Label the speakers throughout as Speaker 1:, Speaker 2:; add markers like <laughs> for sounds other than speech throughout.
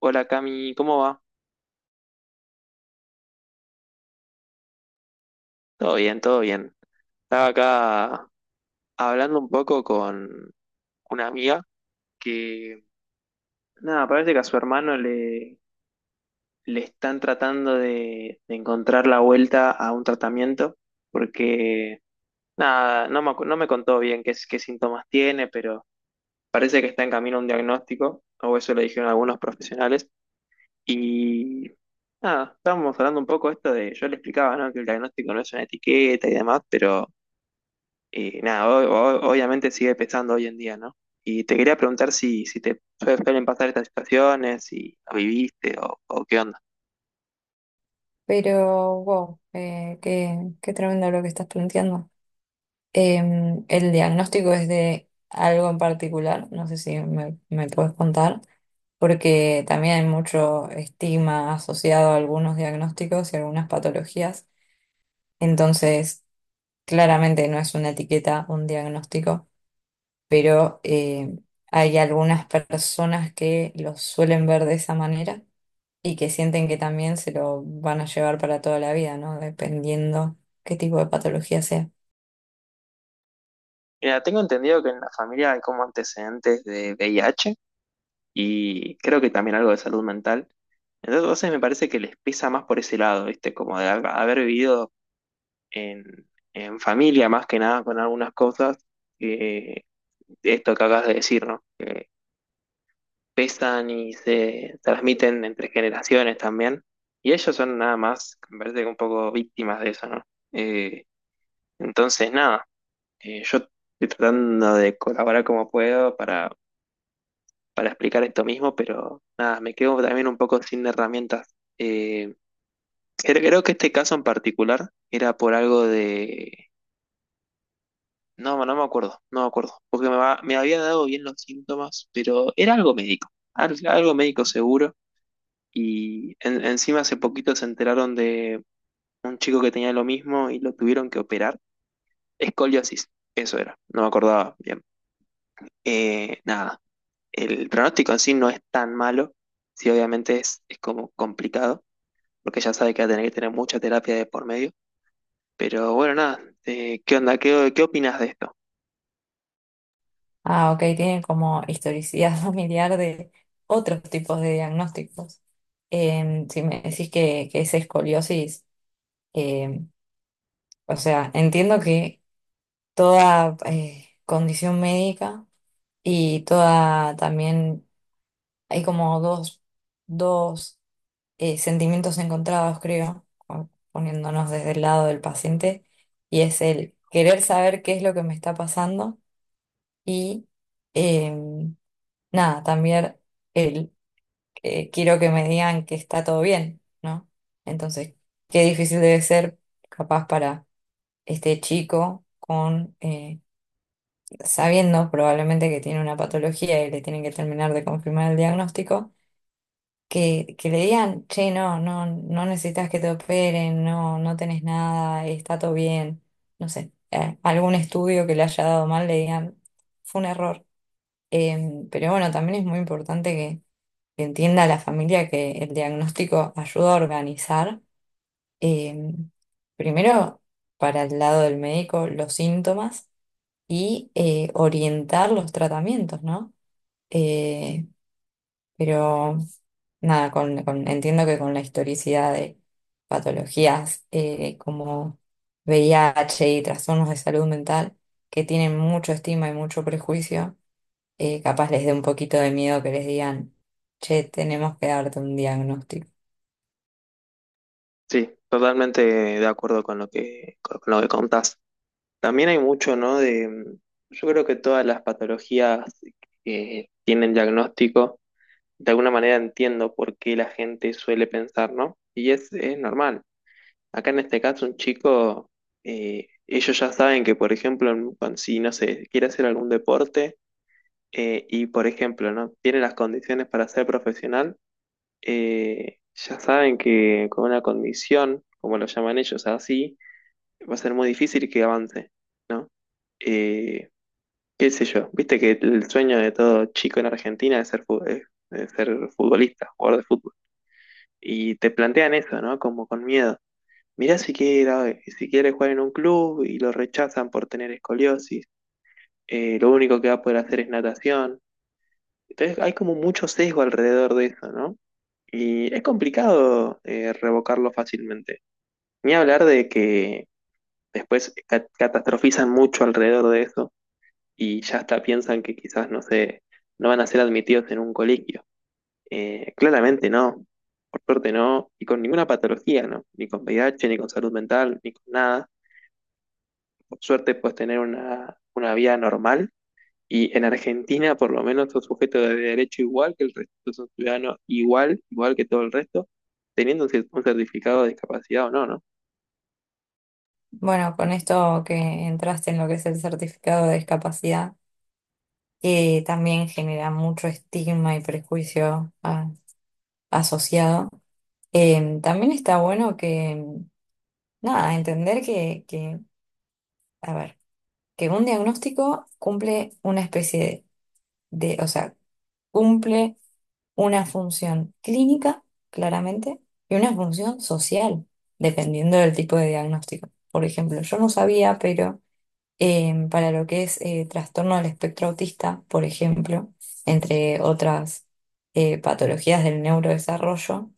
Speaker 1: Hola Cami, ¿cómo va? Todo bien, todo bien. Estaba acá hablando un poco con una amiga que, nada, parece que a su hermano le están tratando de encontrar la vuelta a un tratamiento, porque, nada, no me contó bien qué, qué síntomas tiene, pero parece que está en camino a un diagnóstico, o eso le dijeron algunos profesionales. Y, nada, estábamos hablando un poco esto de, yo le explicaba, ¿no? Que el diagnóstico no es una etiqueta y demás, pero... Y nada, obviamente sigue pesando hoy en día, ¿no? Y te quería preguntar si te suelen pasar estas situaciones, si lo viviste o qué onda.
Speaker 2: Pero, wow, qué tremendo lo que estás planteando. El diagnóstico es de algo en particular, no sé si me puedes contar, porque también hay mucho estigma asociado a algunos diagnósticos y algunas patologías. Entonces, claramente no es una etiqueta, un diagnóstico, pero hay algunas personas que lo suelen ver de esa manera y que sienten que también se lo van a llevar para toda la vida, ¿no? Dependiendo qué tipo de patología sea.
Speaker 1: Mira, tengo entendido que en la familia hay como antecedentes de VIH y creo que también algo de salud mental. Entonces me parece que les pesa más por ese lado, ¿viste? Como de haber vivido en, en familia más que nada con algunas cosas, eh, esto que acabas de decir, ¿no? Pesan y se transmiten entre generaciones también. Y ellos son nada más, me parece que un poco víctimas de eso, ¿no? Eh, entonces, nada, yo estoy tratando de colaborar como puedo para explicar esto mismo, pero nada, me quedo también un poco sin herramientas. Eh, Creo que este caso en particular era por algo de... No, no me acuerdo, no me acuerdo, porque me había dado bien los síntomas, pero era algo médico, algo médico seguro. Y encima hace poquito se enteraron de un chico que tenía lo mismo y lo tuvieron que operar. Escoliosis, eso era, no me acordaba bien. Nada, el pronóstico en sí no es tan malo, sí obviamente es como complicado, porque ya sabe que va a tener que tener mucha terapia de por medio. Pero bueno, nada, ¿qué onda? ¿ qué opinas de esto?
Speaker 2: Ah, ok, tienen como historicidad <laughs> familiar de otros tipos de diagnósticos. Si me decís que es escoliosis, em, o sea, entiendo que toda condición médica y toda también, hay como dos sentimientos encontrados, creo, o poniéndonos desde el lado del paciente, y es el querer saber qué es lo que me está pasando y em, nada, también el quiero que me digan que está todo bien, ¿no? Entonces, qué difícil debe ser capaz para este chico, con sabiendo probablemente que tiene una patología y le tienen que terminar de confirmar el diagnóstico, que le digan, che, no necesitas que te operen, no, no tenés nada, está todo bien, no sé, algún estudio que le haya dado mal, le digan, fue un error. Pero bueno, también es muy importante que entienda la familia que el diagnóstico ayuda a organizar, eh, primero para el lado del médico, los síntomas y orientar los tratamientos, ¿no? Eh, pero nada, entiendo que con la historicidad de patologías como VIH y trastornos de salud mental que tienen mucho estigma y mucho prejuicio, capaz les dé un poquito de miedo que les digan, che, tenemos que darte un diagnóstico.
Speaker 1: Sí, totalmente de acuerdo con lo que contás. También hay mucho, ¿no? De, yo creo que todas las patologías que tienen diagnóstico, de alguna manera entiendo por qué la gente suele pensar, ¿no? Y es normal. Acá en este caso, un chico, ellos ya saben que, por ejemplo, si, no sé, quiere hacer algún deporte y, por ejemplo, no tiene las condiciones para ser profesional, ya saben que con una condición, como lo llaman ellos así, va a ser muy difícil que avance, ¿no? Eh, Qué sé yo, viste que el sueño de todo chico en Argentina es ser futbolista, jugador de fútbol. Y te plantean eso, ¿no? Como con miedo. Mirá si quiere jugar en un club y lo rechazan por tener escoliosis, lo único que va a poder hacer es natación. Entonces hay como mucho sesgo alrededor de eso, ¿no? Y es complicado revocarlo fácilmente. Ni hablar de que después catastrofizan mucho alrededor de eso y ya hasta piensan que quizás, no sé, no van a ser admitidos en un colegio. Claramente no, por suerte no, y con ninguna patología, ¿no? Ni con VIH, ni con salud mental, ni con nada. Por suerte puedes tener una vida normal y en Argentina por lo menos sos sujeto de derecho igual que el resto, sos un ciudadano igual, igual que todo el resto, teniendo un un certificado de discapacidad o no, ¿no?
Speaker 2: Bueno, con esto que entraste en lo que es el certificado de discapacidad, que también genera mucho estigma y prejuicio asociado. También está bueno que nada, entender a ver, que un diagnóstico cumple una especie o sea, cumple una función clínica, claramente, y una función social, dependiendo del tipo de diagnóstico. Por ejemplo, yo no sabía, pero para lo que es trastorno del espectro autista, por ejemplo, entre otras patologías del neurodesarrollo,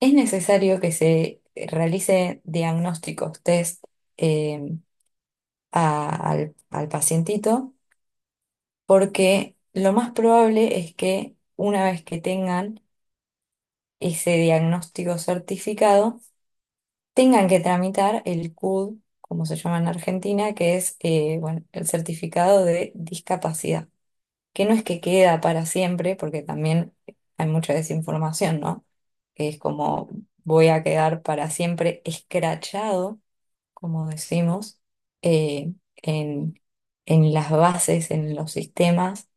Speaker 2: es necesario que se realice diagnósticos, test, eh, al pacientito, porque lo más probable es que una vez que tengan ese diagnóstico certificado, tengan que tramitar el CUD, como se llama en Argentina, que es bueno, el certificado de discapacidad, que no es que queda para siempre, porque también hay mucha desinformación, ¿no? Que es como voy a quedar para siempre escrachado, como decimos, eh, en, en las bases, en los sistemas,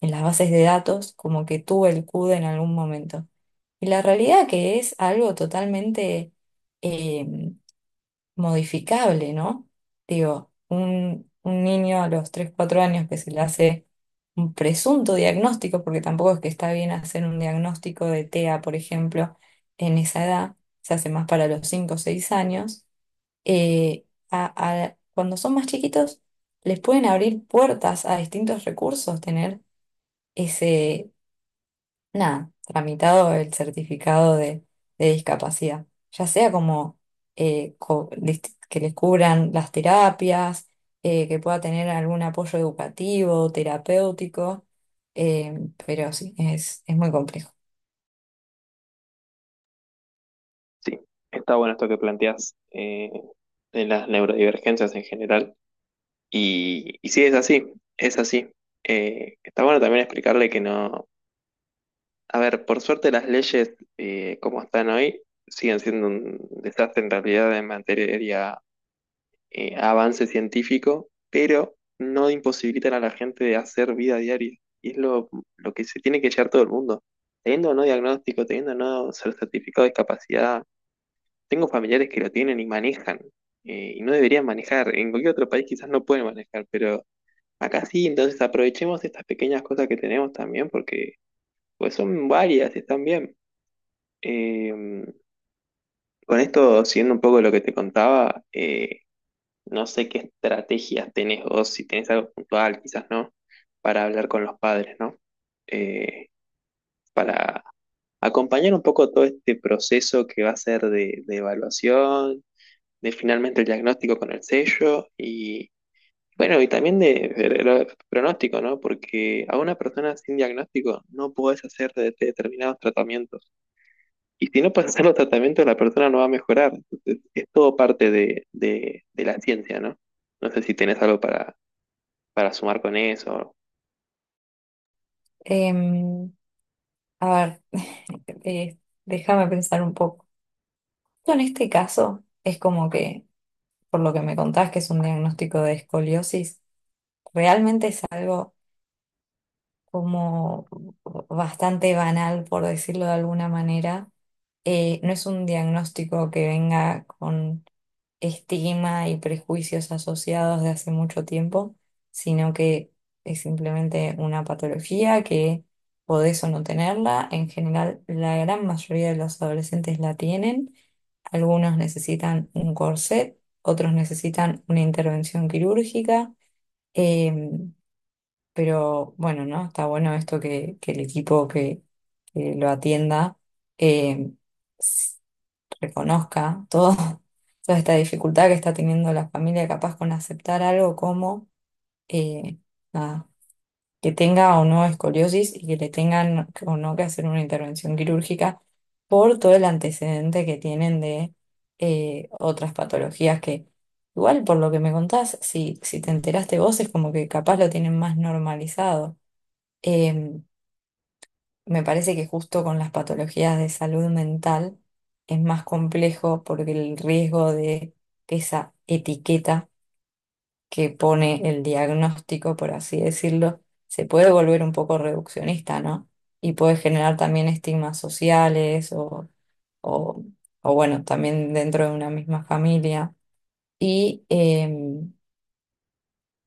Speaker 2: en las bases de datos, como que tuvo el CUD en algún momento. Y la realidad que es algo totalmente eh, modificable, ¿no? Digo, un niño a los 3 4 años que se le hace un presunto diagnóstico, porque tampoco es que está bien hacer un diagnóstico de TEA, por ejemplo, en esa edad, se hace más para los 5 o 6 años eh, a- cuando son más chiquitos, les pueden abrir puertas a distintos recursos, tener ese, nada, tramitado el certificado de discapacidad, ya sea como que les cubran las terapias, que pueda tener algún apoyo educativo, terapéutico, eh, pero sí, es muy complejo.
Speaker 1: Sí, está bueno esto que planteas de las neurodivergencias en general. Y sí, es así, es así. Está bueno también explicarle que no. A ver, por suerte las leyes como están hoy siguen siendo un desastre en realidad en materia de avance científico, pero no imposibilitan a la gente de hacer vida diaria. Y es lo que se tiene que llevar todo el mundo. Teniendo o no diagnóstico, teniendo o no ser certificado de discapacidad, tengo familiares que lo tienen y manejan, y no deberían manejar. En cualquier otro país quizás no pueden manejar, pero acá sí, entonces aprovechemos estas pequeñas cosas que tenemos también porque pues son varias, están bien. Eh, con esto, siguiendo un poco lo que te contaba, no sé qué estrategias tenés vos, si tenés algo puntual, quizás no, para hablar con los padres, ¿no? Eh, Acompañar un poco todo este proceso que va a ser de evaluación, de finalmente el diagnóstico con el sello y, bueno, y también de pronóstico, ¿no? Porque a una persona sin diagnóstico no podés hacer determinados tratamientos. Y si no pasan los tratamientos, la persona no va a mejorar. Entonces, es todo parte de la ciencia, ¿no? No sé si tenés algo para sumar con eso.
Speaker 2: Em, a ver, <laughs> eh, déjame pensar un poco. En este caso, es como que por lo que me contás, que es un diagnóstico de escoliosis, realmente es algo como bastante banal, por decirlo de alguna manera, no es un diagnóstico que venga con estigma y prejuicios asociados de hace mucho tiempo, sino que es simplemente una patología que podés o no tenerla. En general, la gran mayoría de los adolescentes la tienen. Algunos necesitan un corset, otros necesitan una intervención quirúrgica. Em, pero bueno, ¿no? Está bueno esto que el equipo que lo atienda, em, reconozca todo, <laughs> toda esta dificultad que está teniendo la familia capaz con aceptar algo como eh, nada, que tenga o no escoliosis y que le tengan o no que hacer una intervención quirúrgica por todo el antecedente que tienen de otras patologías que igual por lo que me contás, si te enteraste vos es como que capaz lo tienen más normalizado. Em, Me parece que justo con las patologías de salud mental es más complejo porque el riesgo de que esa etiqueta que pone el diagnóstico, por así decirlo, se puede volver un poco reduccionista, ¿no? Y puede generar también estigmas sociales o, o bueno, también dentro de una misma familia. Y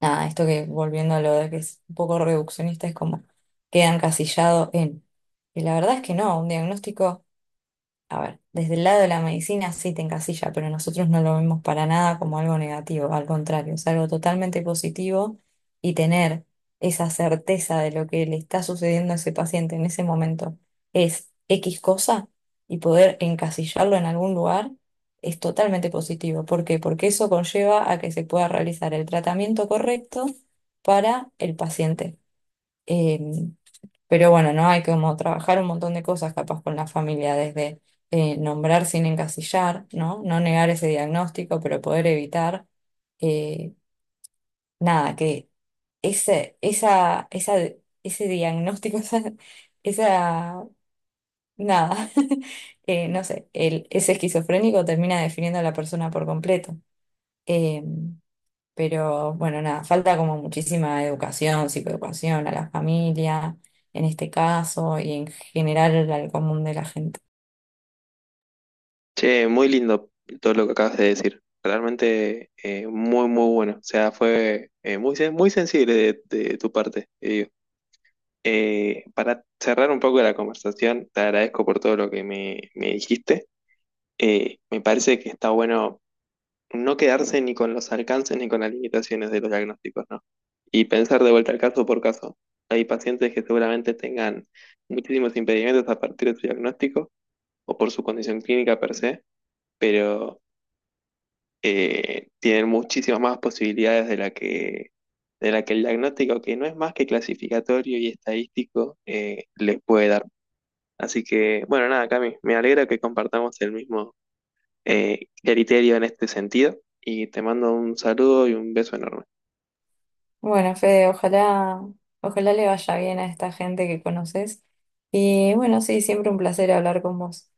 Speaker 2: nada, esto que volviendo a lo de que es un poco reduccionista es como queda encasillado en... Y la verdad es que no, un diagnóstico... A ver, desde el lado de la medicina sí te encasilla, pero nosotros no lo vemos para nada como algo negativo, al contrario, es algo totalmente positivo y tener esa certeza de lo que le está sucediendo a ese paciente en ese momento es X cosa y poder encasillarlo en algún lugar es totalmente positivo. ¿Por qué? Porque eso conlleva a que se pueda realizar el tratamiento correcto para el paciente. Eh, pero bueno, ¿no? Hay como trabajar un montón de cosas capaz con la familia, desde nombrar sin encasillar, ¿no? No negar ese diagnóstico, pero poder evitar, eh, nada, que ese, esa, esa, ese diagnóstico, <laughs> esa- nada, <laughs> no sé, ese esquizofrénico termina definiendo a la persona por completo. Em, pero bueno, nada, falta como muchísima educación, psicoeducación a la familia, en este caso, y en general al común de la gente.
Speaker 1: Che, muy lindo todo lo que acabas de decir. Realmente muy, muy bueno. O sea, fue muy sensible de tu parte, te digo. Para cerrar un poco la conversación, te agradezco por todo lo que me dijiste. Me parece que está bueno no quedarse ni con los alcances ni con las limitaciones de los diagnósticos, ¿no? Y pensar de vuelta al caso por caso. Hay pacientes que seguramente tengan muchísimos impedimentos a partir de su diagnóstico o por su condición clínica per se, pero tienen muchísimas más posibilidades de la que el diagnóstico, que no es más que clasificatorio y estadístico, les puede dar. Así que, bueno, nada, Cami, me alegra que compartamos el mismo criterio en este sentido. Y te mando un saludo y un beso enorme.
Speaker 2: Bueno, Fede, ojalá le vaya bien a esta gente que conoces. Y bueno, sí, siempre un placer hablar con vos.